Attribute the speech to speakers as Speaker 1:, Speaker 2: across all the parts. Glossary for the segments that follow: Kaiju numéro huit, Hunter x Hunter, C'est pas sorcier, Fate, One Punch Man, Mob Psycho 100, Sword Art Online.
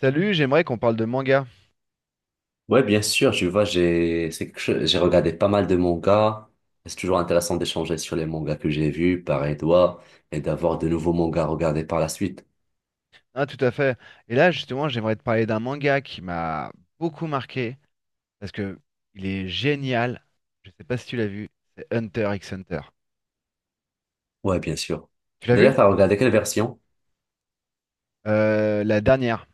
Speaker 1: Salut, j'aimerais qu'on parle de manga.
Speaker 2: Ouais, bien sûr, tu vois, j'ai c'est quelque chose- j'ai regardé pas mal de mangas. C'est toujours intéressant d'échanger sur les mangas que j'ai vus, pareil toi, et d'avoir de nouveaux mangas à regarder par la suite.
Speaker 1: Ah, tout à fait. Et là, justement, j'aimerais te parler d'un manga qui m'a beaucoup marqué parce que il est génial. Je sais pas si tu l'as vu, c'est Hunter x Hunter.
Speaker 2: Ouais, bien sûr.
Speaker 1: Tu l'as vu?
Speaker 2: D'ailleurs, t'as regardé quelle version?
Speaker 1: La dernière.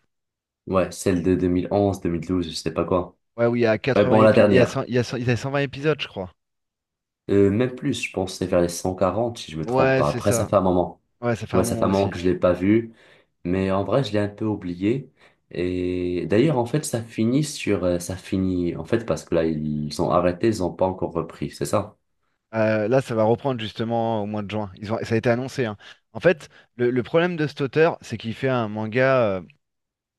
Speaker 2: Ouais, celle de 2011, 2012, je sais pas quoi.
Speaker 1: Ouais, oui, il y a
Speaker 2: Ouais,
Speaker 1: 80
Speaker 2: bon, la
Speaker 1: épi- il y a
Speaker 2: dernière.
Speaker 1: 100 il y a 120 épisodes, je crois.
Speaker 2: Même plus, je pense, que c'est vers les 140, si je me trompe
Speaker 1: Ouais,
Speaker 2: pas.
Speaker 1: c'est
Speaker 2: Après, ça
Speaker 1: ça.
Speaker 2: fait un moment.
Speaker 1: Ouais, ça fait
Speaker 2: Ouais,
Speaker 1: un
Speaker 2: ça fait
Speaker 1: moment
Speaker 2: un moment
Speaker 1: aussi.
Speaker 2: que je l'ai pas vu. Mais en vrai, je l'ai un peu oublié. Et d'ailleurs, en fait, ça finit sur, ça finit, en fait, parce que là, ils ont arrêté, ils ont pas encore repris, c'est ça?
Speaker 1: Là, ça va reprendre justement au mois de juin. Ça a été annoncé, hein. En fait, le problème de cet auteur, c'est qu'il fait un manga,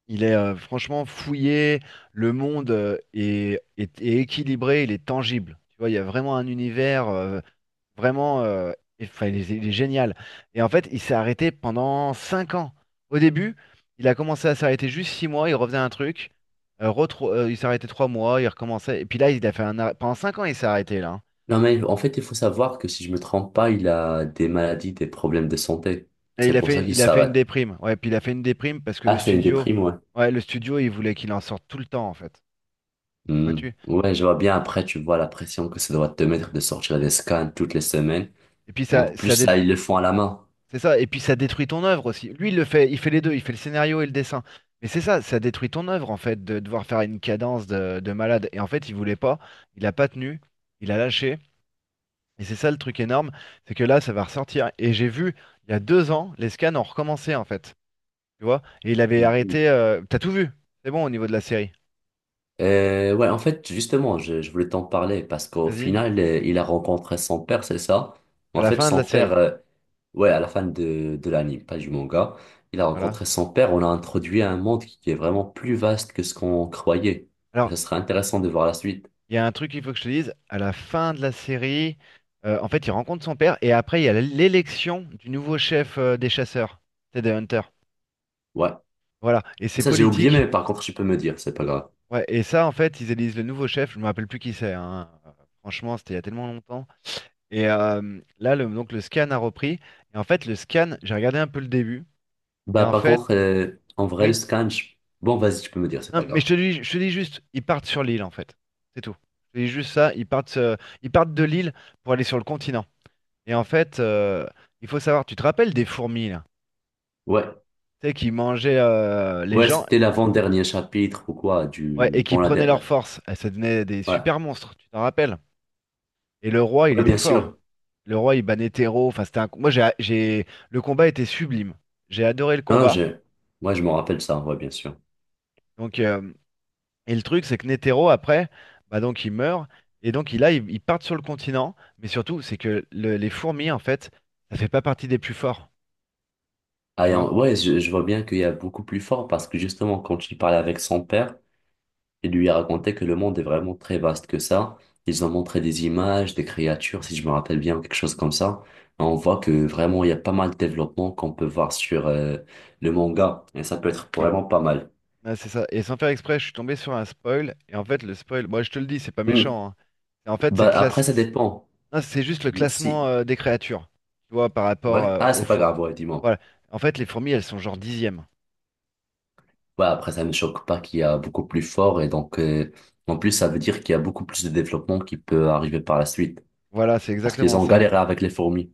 Speaker 1: il est franchement fouillé, le monde est équilibré, il est tangible. Tu vois, il y a vraiment un univers vraiment, euh, enfin, il est génial. Et en fait, il s'est arrêté pendant 5 ans. Au début, il a commencé à s'arrêter juste 6 mois, il refaisait un truc. Il s'arrêtait 3 mois, il recommençait. Et puis là, il a fait pendant 5 ans, il s'est arrêté là, hein.
Speaker 2: Non, mais en fait, il faut savoir que si je me trompe pas, il a des maladies, des problèmes de santé.
Speaker 1: Et il
Speaker 2: C'est
Speaker 1: a
Speaker 2: pour ça
Speaker 1: fait,
Speaker 2: qu'il
Speaker 1: il a fait une
Speaker 2: s'arrête.
Speaker 1: déprime. Ouais, puis il a fait une déprime parce que le
Speaker 2: Ah, c'est une
Speaker 1: studio,
Speaker 2: déprime, ouais.
Speaker 1: ouais, le studio, il voulait qu'il en sorte tout le temps, en fait.
Speaker 2: Hmm.
Speaker 1: Vois-tu?
Speaker 2: Ouais, je vois bien après, tu vois la pression que ça doit te mettre de sortir des scans toutes les semaines.
Speaker 1: Et puis
Speaker 2: En
Speaker 1: ça,
Speaker 2: plus,
Speaker 1: ça dé-
Speaker 2: ça, ils le font à la main.
Speaker 1: C'est ça, et puis ça détruit ton œuvre aussi. Lui, il le fait, il fait les deux, il fait le scénario et le dessin. Mais c'est ça, ça détruit ton œuvre en fait, de devoir faire une cadence de malade. Et en fait, il voulait pas, il a pas tenu, il a lâché. Et c'est ça le truc énorme, c'est que là, ça va ressortir. Et j'ai vu, il y a 2 ans, les scans ont recommencé en fait. Tu vois? Et il avait arrêté. T'as tout vu, c'est bon au niveau de la série.
Speaker 2: Ouais, en fait, justement, je voulais t'en parler parce qu'au
Speaker 1: Vas-y,
Speaker 2: final, il a rencontré son père, c'est ça?
Speaker 1: à
Speaker 2: En
Speaker 1: la
Speaker 2: fait,
Speaker 1: fin de la
Speaker 2: son père,
Speaker 1: série.
Speaker 2: ouais, à la fin de l'anime, pas du manga, il a
Speaker 1: Voilà.
Speaker 2: rencontré son père. On a introduit à un monde qui est vraiment plus vaste que ce qu'on croyait. Et
Speaker 1: Alors,
Speaker 2: ça serait intéressant de voir la suite.
Speaker 1: Il y a un truc qu'il faut que je te dise, à la fin de la série, en fait, il rencontre son père et après, il y a l'élection du nouveau chef, des chasseurs, c'est des hunters.
Speaker 2: Ouais.
Speaker 1: Voilà, et
Speaker 2: Et
Speaker 1: c'est
Speaker 2: ça, j'ai oublié,
Speaker 1: politique.
Speaker 2: mais par contre, tu peux me dire, c'est pas grave.
Speaker 1: Ouais, et ça, en fait, ils élisent le nouveau chef, je me rappelle plus qui c'est, hein. Franchement, c'était il y a tellement longtemps. Et là, le scan a repris. Et en fait, le scan, j'ai regardé un peu le début. Et
Speaker 2: Bah,
Speaker 1: en
Speaker 2: par
Speaker 1: fait,
Speaker 2: contre, en vrai, le
Speaker 1: oui.
Speaker 2: scan, bon, vas-y, tu peux me dire, c'est
Speaker 1: Non,
Speaker 2: pas
Speaker 1: mais je
Speaker 2: grave.
Speaker 1: te dis, je te dis juste, ils partent sur l'île, en fait. C'est tout. Je te dis juste ça, ils partent de l'île pour aller sur le continent. Et en fait, il faut savoir, tu te rappelles des fourmis là?
Speaker 2: Ouais,
Speaker 1: Tu sais, qui mangeaient les
Speaker 2: ouais,
Speaker 1: gens
Speaker 2: c'était
Speaker 1: et,
Speaker 2: l'avant-dernier chapitre ou quoi,
Speaker 1: ouais, et
Speaker 2: du,
Speaker 1: qui
Speaker 2: bon,
Speaker 1: prenaient leur force. Elles, ça devenait des
Speaker 2: ouais,
Speaker 1: super monstres, tu t'en rappelles? Et le roi, il
Speaker 2: ouais,
Speaker 1: était
Speaker 2: bien
Speaker 1: fort.
Speaker 2: sûr.
Speaker 1: Le roi, il bannait Théro. Enfin, c'était un... Le combat était sublime. J'ai adoré le
Speaker 2: Non,
Speaker 1: combat.
Speaker 2: moi, je me rappelle ça, ouais, bien sûr.
Speaker 1: Donc, et le truc, c'est que Netero, après, bah donc il meurt. Et donc, il, là, ils ils partent sur le continent. Mais surtout, c'est que les fourmis, en fait, ça fait pas partie des plus forts.
Speaker 2: Ah,
Speaker 1: Tu vois?
Speaker 2: ouais, je vois bien qu'il y a beaucoup plus fort parce que justement, quand il parlait avec son père, il lui a raconté que le monde est vraiment très vaste que ça. Ils ont montré des images, des créatures, si je me rappelle bien, quelque chose comme ça. Et on voit que vraiment, il y a pas mal de développement qu'on peut voir sur le manga et ça peut être vraiment pas mal.
Speaker 1: Ah, c'est ça. Et sans faire exprès, je suis tombé sur un spoil. Et en fait, le spoil, moi je te le dis, c'est pas
Speaker 2: Hmm.
Speaker 1: méchant, hein. Et en fait, c'est le
Speaker 2: Bah, après,
Speaker 1: classe...
Speaker 2: ça
Speaker 1: c'est
Speaker 2: dépend.
Speaker 1: non, c'est juste le
Speaker 2: Oui,
Speaker 1: classement
Speaker 2: si,
Speaker 1: des créatures. Tu vois, par rapport
Speaker 2: ouais, ah,
Speaker 1: aux
Speaker 2: c'est pas
Speaker 1: faux.
Speaker 2: grave, ouais, dis-moi.
Speaker 1: Voilà. En fait, les fourmis, elles sont genre dixièmes.
Speaker 2: Ouais, après, ça ne me choque pas qu'il y a beaucoup plus fort et donc, en plus, ça veut dire qu'il y a beaucoup plus de développement qui peut arriver par la suite
Speaker 1: Voilà, c'est
Speaker 2: parce qu'ils
Speaker 1: exactement
Speaker 2: ont
Speaker 1: ça.
Speaker 2: galéré avec les fourmis.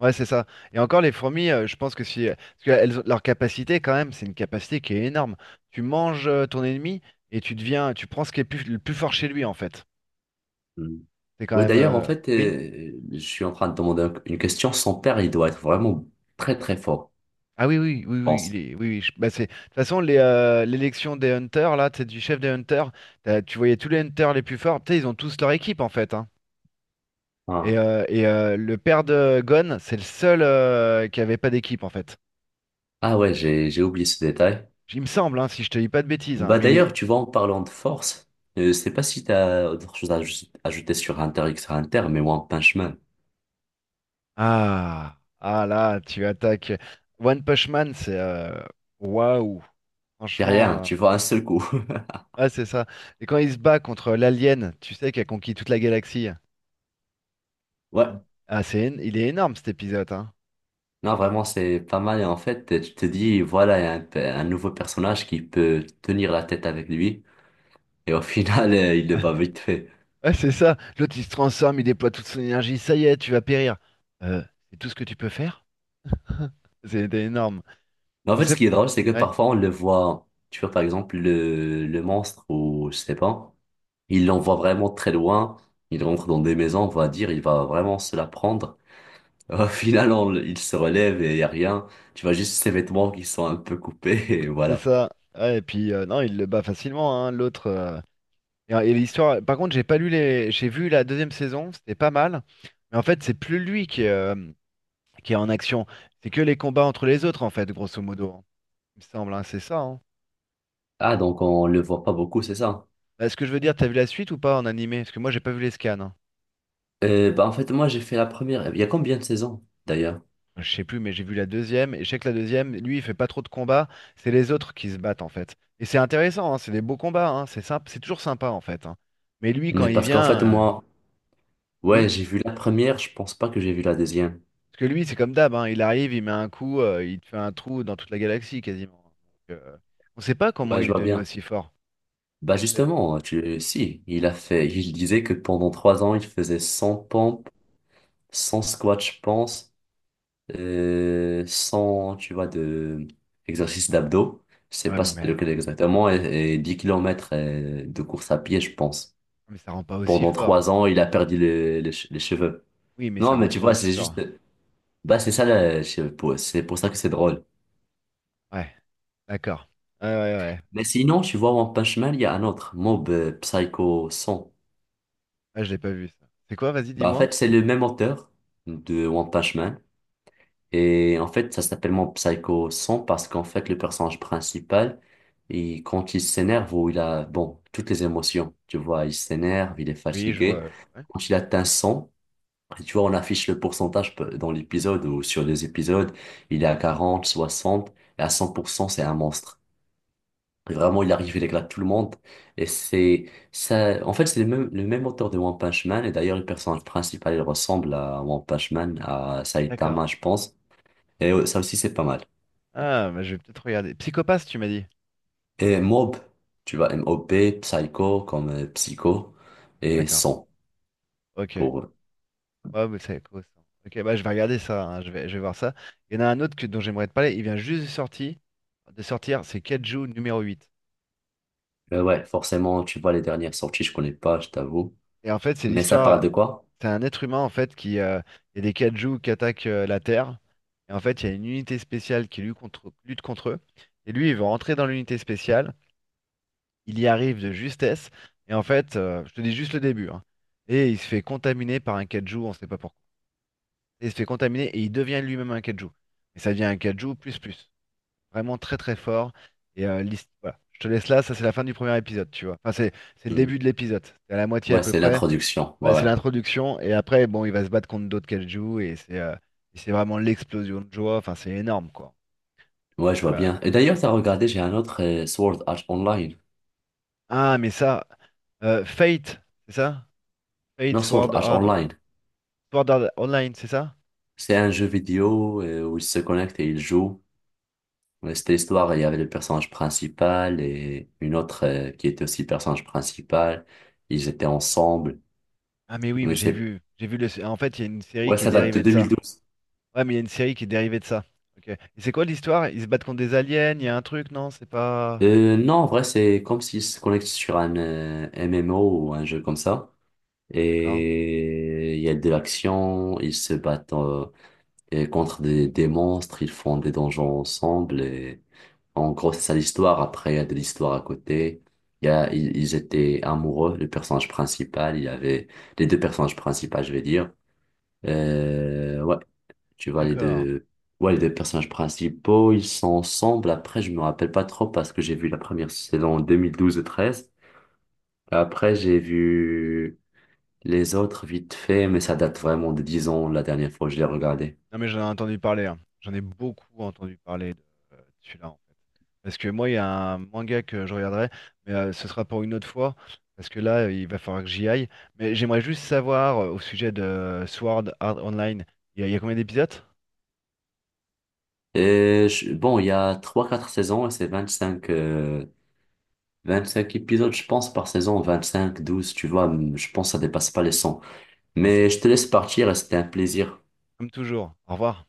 Speaker 1: Ouais, c'est ça. Et encore, les fourmis, je pense que si. Parce que leur capacité, quand même, c'est une capacité qui est énorme. Tu manges ton ennemi et tu deviens. Tu prends ce qui est le plus fort chez lui, en fait.
Speaker 2: Mm.
Speaker 1: C'est quand
Speaker 2: Ouais,
Speaker 1: même.
Speaker 2: d'ailleurs, en
Speaker 1: euh,
Speaker 2: fait,
Speaker 1: Oui?
Speaker 2: je suis en train de demander une question. Son père, il doit être vraiment très, très fort,
Speaker 1: Ah oui, oui, oui,
Speaker 2: je
Speaker 1: oui,
Speaker 2: pense.
Speaker 1: oui, oui, bah c'est, de toute façon, l'élection des Hunters, là, c'est du chef des Hunters, tu voyais tous les Hunters les plus forts, tu sais, ils ont tous leur équipe, en fait, hein. Et,
Speaker 2: Ah,
Speaker 1: euh, et euh, le père de Gon, c'est le seul qui avait pas d'équipe, en fait.
Speaker 2: ah ouais, j'ai oublié ce détail.
Speaker 1: Il me semble, hein, si je te dis pas de bêtises, hein,
Speaker 2: Bah,
Speaker 1: mais il
Speaker 2: d'ailleurs,
Speaker 1: est...
Speaker 2: tu vois, en parlant de force, je sais pas si t'as autre chose à ajouter sur Hunter x Hunter, mais One Punch Man.
Speaker 1: Ah, ah là, tu attaques. One Punch Man, waouh,
Speaker 2: J'ai rien,
Speaker 1: franchement...
Speaker 2: tu vois, un seul coup.
Speaker 1: Ah, c'est ça. Et quand il se bat contre l'alien, tu sais, qui a conquis toute la galaxie,
Speaker 2: Ouais.
Speaker 1: ah, il est énorme, cet épisode, hein.
Speaker 2: Non, vraiment, c'est pas mal. Et en fait, tu te dis, voilà, il y a un nouveau personnage qui peut tenir la tête avec lui. Et au final, il le bat vite fait.
Speaker 1: Ouais, c'est ça. L'autre, il se transforme, il déploie toute son énergie. Ça y est, tu vas périr. Euh, c'est tout ce que tu peux faire? C'était énorme.
Speaker 2: Mais en
Speaker 1: Bon,
Speaker 2: fait, ce qui est drôle, c'est que
Speaker 1: ouais,
Speaker 2: parfois, on le voit, tu vois, par exemple, le monstre ou je sais pas, il l'envoie vraiment très loin. Il rentre dans des maisons, on va dire, il va vraiment se la prendre. Au final, il se relève et il y a rien. Tu vois juste ses vêtements qui sont un peu coupés et
Speaker 1: c'est
Speaker 2: voilà.
Speaker 1: ça. Ouais, et puis, non, il le bat facilement, hein, l'autre. Et l'histoire... Par contre, j'ai pas lu les... J'ai vu la deuxième saison, c'était pas mal. Mais en fait, c'est plus lui qui est en action. C'est que les combats entre les autres, en fait, grosso modo, hein. Il me semble, hein, c'est ça, hein.
Speaker 2: Ah, donc on le voit pas beaucoup, c'est ça?
Speaker 1: Bah, est-ce que je veux dire, t'as vu la suite ou pas en animé? Parce que moi, j'ai pas vu les scans, hein.
Speaker 2: Bah, en fait, moi, j'ai fait la première. Il y a combien de saisons, d'ailleurs?
Speaker 1: Je sais plus, mais j'ai vu la deuxième, et je sais que la deuxième, lui, il fait pas trop de combats, c'est les autres qui se battent en fait. Et c'est intéressant, hein, c'est des beaux combats, hein, c'est sympa, c'est toujours sympa en fait. Hein. Mais lui, quand
Speaker 2: Mais
Speaker 1: il
Speaker 2: parce qu'en
Speaker 1: vient,
Speaker 2: fait, moi, ouais,
Speaker 1: oui,
Speaker 2: j'ai vu la première, je pense pas que j'ai vu la deuxième.
Speaker 1: parce que lui, c'est comme d'hab, hein, il arrive, il met un coup, il te fait un trou dans toute la galaxie quasiment. Donc, on sait pas comment
Speaker 2: Ouais,
Speaker 1: il
Speaker 2: je
Speaker 1: est
Speaker 2: vois
Speaker 1: devenu
Speaker 2: bien.
Speaker 1: aussi fort.
Speaker 2: Bah,
Speaker 1: On sait-
Speaker 2: justement, si, il a fait, il disait que pendant 3 ans, il faisait 100 pompes, 100 squats, je pense, 100, tu vois, de exercices d'abdos. Je sais
Speaker 1: Ouais,
Speaker 2: pas c'était lequel exactement, et, 10 kilomètres km de course à pied, je pense.
Speaker 1: mais ça rend pas aussi
Speaker 2: Pendant
Speaker 1: fort.
Speaker 2: trois ans, il a perdu les cheveux.
Speaker 1: Oui, mais ça
Speaker 2: Non, mais
Speaker 1: rend
Speaker 2: tu
Speaker 1: pas
Speaker 2: vois,
Speaker 1: aussi
Speaker 2: c'est
Speaker 1: fort.
Speaker 2: juste. Bah, c'est ça, là, je sais pas, c'est pour ça que c'est drôle.
Speaker 1: Ouais, d'accord. Ouais, ouais, ouais.
Speaker 2: Mais
Speaker 1: ouais.
Speaker 2: sinon, tu vois, One Punch Man, il y a un autre, Mob Psycho 100.
Speaker 1: Ah, je l'ai pas vu ça. C'est quoi, vas-y,
Speaker 2: Bah, en
Speaker 1: dis-moi.
Speaker 2: fait, c'est le même auteur de One Punch Man. Et en fait, ça s'appelle Mob Psycho 100 parce qu'en fait, le personnage principal, il, quand il s'énerve ou il a, bon, toutes les émotions, tu vois, il s'énerve, il est
Speaker 1: Oui, je
Speaker 2: fatigué.
Speaker 1: vois, ouais.
Speaker 2: Quand il atteint 100, et tu vois, on affiche le pourcentage dans l'épisode ou sur les épisodes, il est à 40, 60, et à 100%, c'est un monstre. Vraiment, il arrive, il éclate tout le monde. Et c'est ça. En fait, c'est le même auteur de One Punch Man. Et d'ailleurs, le personnage principal, il ressemble à One Punch Man, à
Speaker 1: D'accord.
Speaker 2: Saitama, je pense. Et ça aussi, c'est pas mal.
Speaker 1: Ah, bah, je vais peut-être regarder. Psychopathe, tu m'as dit.
Speaker 2: Et Mob, tu vois, M-O-B, Psycho, comme Psycho, et
Speaker 1: D'accord.
Speaker 2: Son,
Speaker 1: Ok.
Speaker 2: pour eux.
Speaker 1: Ouais, mais c'est quoi ça? Ok, bah je vais regarder ça, hein. Je vais, je vais, voir ça. Il y en a un autre dont j'aimerais te parler. Il vient juste de sortir. De sortir, c'est Kaiju numéro 8.
Speaker 2: Mais ouais, forcément, tu vois, les dernières sorties, je connais pas, je t'avoue.
Speaker 1: Et en fait, c'est
Speaker 2: Mais ça parle
Speaker 1: l'histoire.
Speaker 2: de quoi?
Speaker 1: C'est un être humain en fait qui. Il y a des Kaiju qui attaquent la Terre. Et en fait, il y a une unité spéciale qui lutte contre eux. Et lui, il veut rentrer dans l'unité spéciale. Il y arrive de justesse. Et en fait, je te dis juste le début, hein. Et il se fait contaminer par un Kaiju, on sait pas pourquoi. Et il se fait contaminer et il devient lui-même un kaiju. Et ça devient un kaiju plus plus. Vraiment très très fort. Et voilà. Je te laisse là, ça c'est la fin du premier épisode, tu vois. Enfin, c'est le
Speaker 2: Hmm.
Speaker 1: début de l'épisode. C'est à la moitié à
Speaker 2: Ouais,
Speaker 1: peu
Speaker 2: c'est
Speaker 1: près.
Speaker 2: l'introduction.
Speaker 1: Ouais,
Speaker 2: Ouais,
Speaker 1: c'est
Speaker 2: ouais.
Speaker 1: l'introduction. Et après, bon, il va se battre contre d'autres kaiju et c'est vraiment l'explosion de joie. Enfin, c'est énorme, quoi.
Speaker 2: Ouais, je vois
Speaker 1: Euh,
Speaker 2: bien. Et d'ailleurs, t'as regardé, j'ai un autre Sword Art Online.
Speaker 1: ah, mais ça. Fate, c'est ça? Fate
Speaker 2: Non, Sword
Speaker 1: Sword
Speaker 2: Art
Speaker 1: Art-
Speaker 2: Online.
Speaker 1: Sword Art Online, c'est ça?
Speaker 2: C'est un jeu vidéo où ils se connectent et ils jouent. Ouais, c'était l'histoire, il y avait le personnage principal et une autre qui était aussi personnage principal. Ils étaient ensemble.
Speaker 1: Ah mais oui, mais
Speaker 2: Mais
Speaker 1: j'ai
Speaker 2: c'est-
Speaker 1: vu, j'ai vu le... En fait, il y a une série
Speaker 2: Ouais,
Speaker 1: qui est
Speaker 2: ça date de
Speaker 1: dérivée de ça.
Speaker 2: 2012.
Speaker 1: Ouais, mais il y a une série qui est dérivée de ça. Ok. Et c'est quoi l'histoire? Ils se battent contre des aliens, il y a un truc, non? C'est pas.
Speaker 2: Non, en vrai, c'est comme s'ils se connectent sur un MMO ou un jeu comme ça.
Speaker 1: D'accord.
Speaker 2: Et il y a de l'action, ils se battent et contre des monstres, ils font des donjons ensemble et en gros, c'est ça l'histoire. Après, il y a de l'histoire à côté. Il y a, ils étaient amoureux, le personnage principal, il y avait les deux personnages principaux, je vais dire. Ouais, tu vois, les
Speaker 1: D'accord.
Speaker 2: deux, ouais, les deux personnages principaux, ils sont ensemble. Après, je me rappelle pas trop parce que j'ai vu la première saison en 2012 et 13. Après, j'ai vu les autres vite fait, mais ça date vraiment de 10 ans la dernière fois que je l'ai regardé.
Speaker 1: Non, mais j'en ai entendu parler, hein. J'en ai beaucoup entendu parler de celui-là, en fait. Parce que moi, il y a un manga que je regarderai, mais ce sera pour une autre fois. Parce que là, il va falloir que j'y aille. Mais j'aimerais juste savoir au sujet de Sword Art Online, il y a combien d'épisodes?
Speaker 2: Et bon, il y a trois quatre saisons et c'est 25 cinq épisodes, je pense, par saison, 25 12 tu vois, je pense que ça dépasse pas les 100.
Speaker 1: Ouais, c'est
Speaker 2: Mais je
Speaker 1: bien.
Speaker 2: te laisse partir et c'était un plaisir.
Speaker 1: Comme toujours. Au revoir.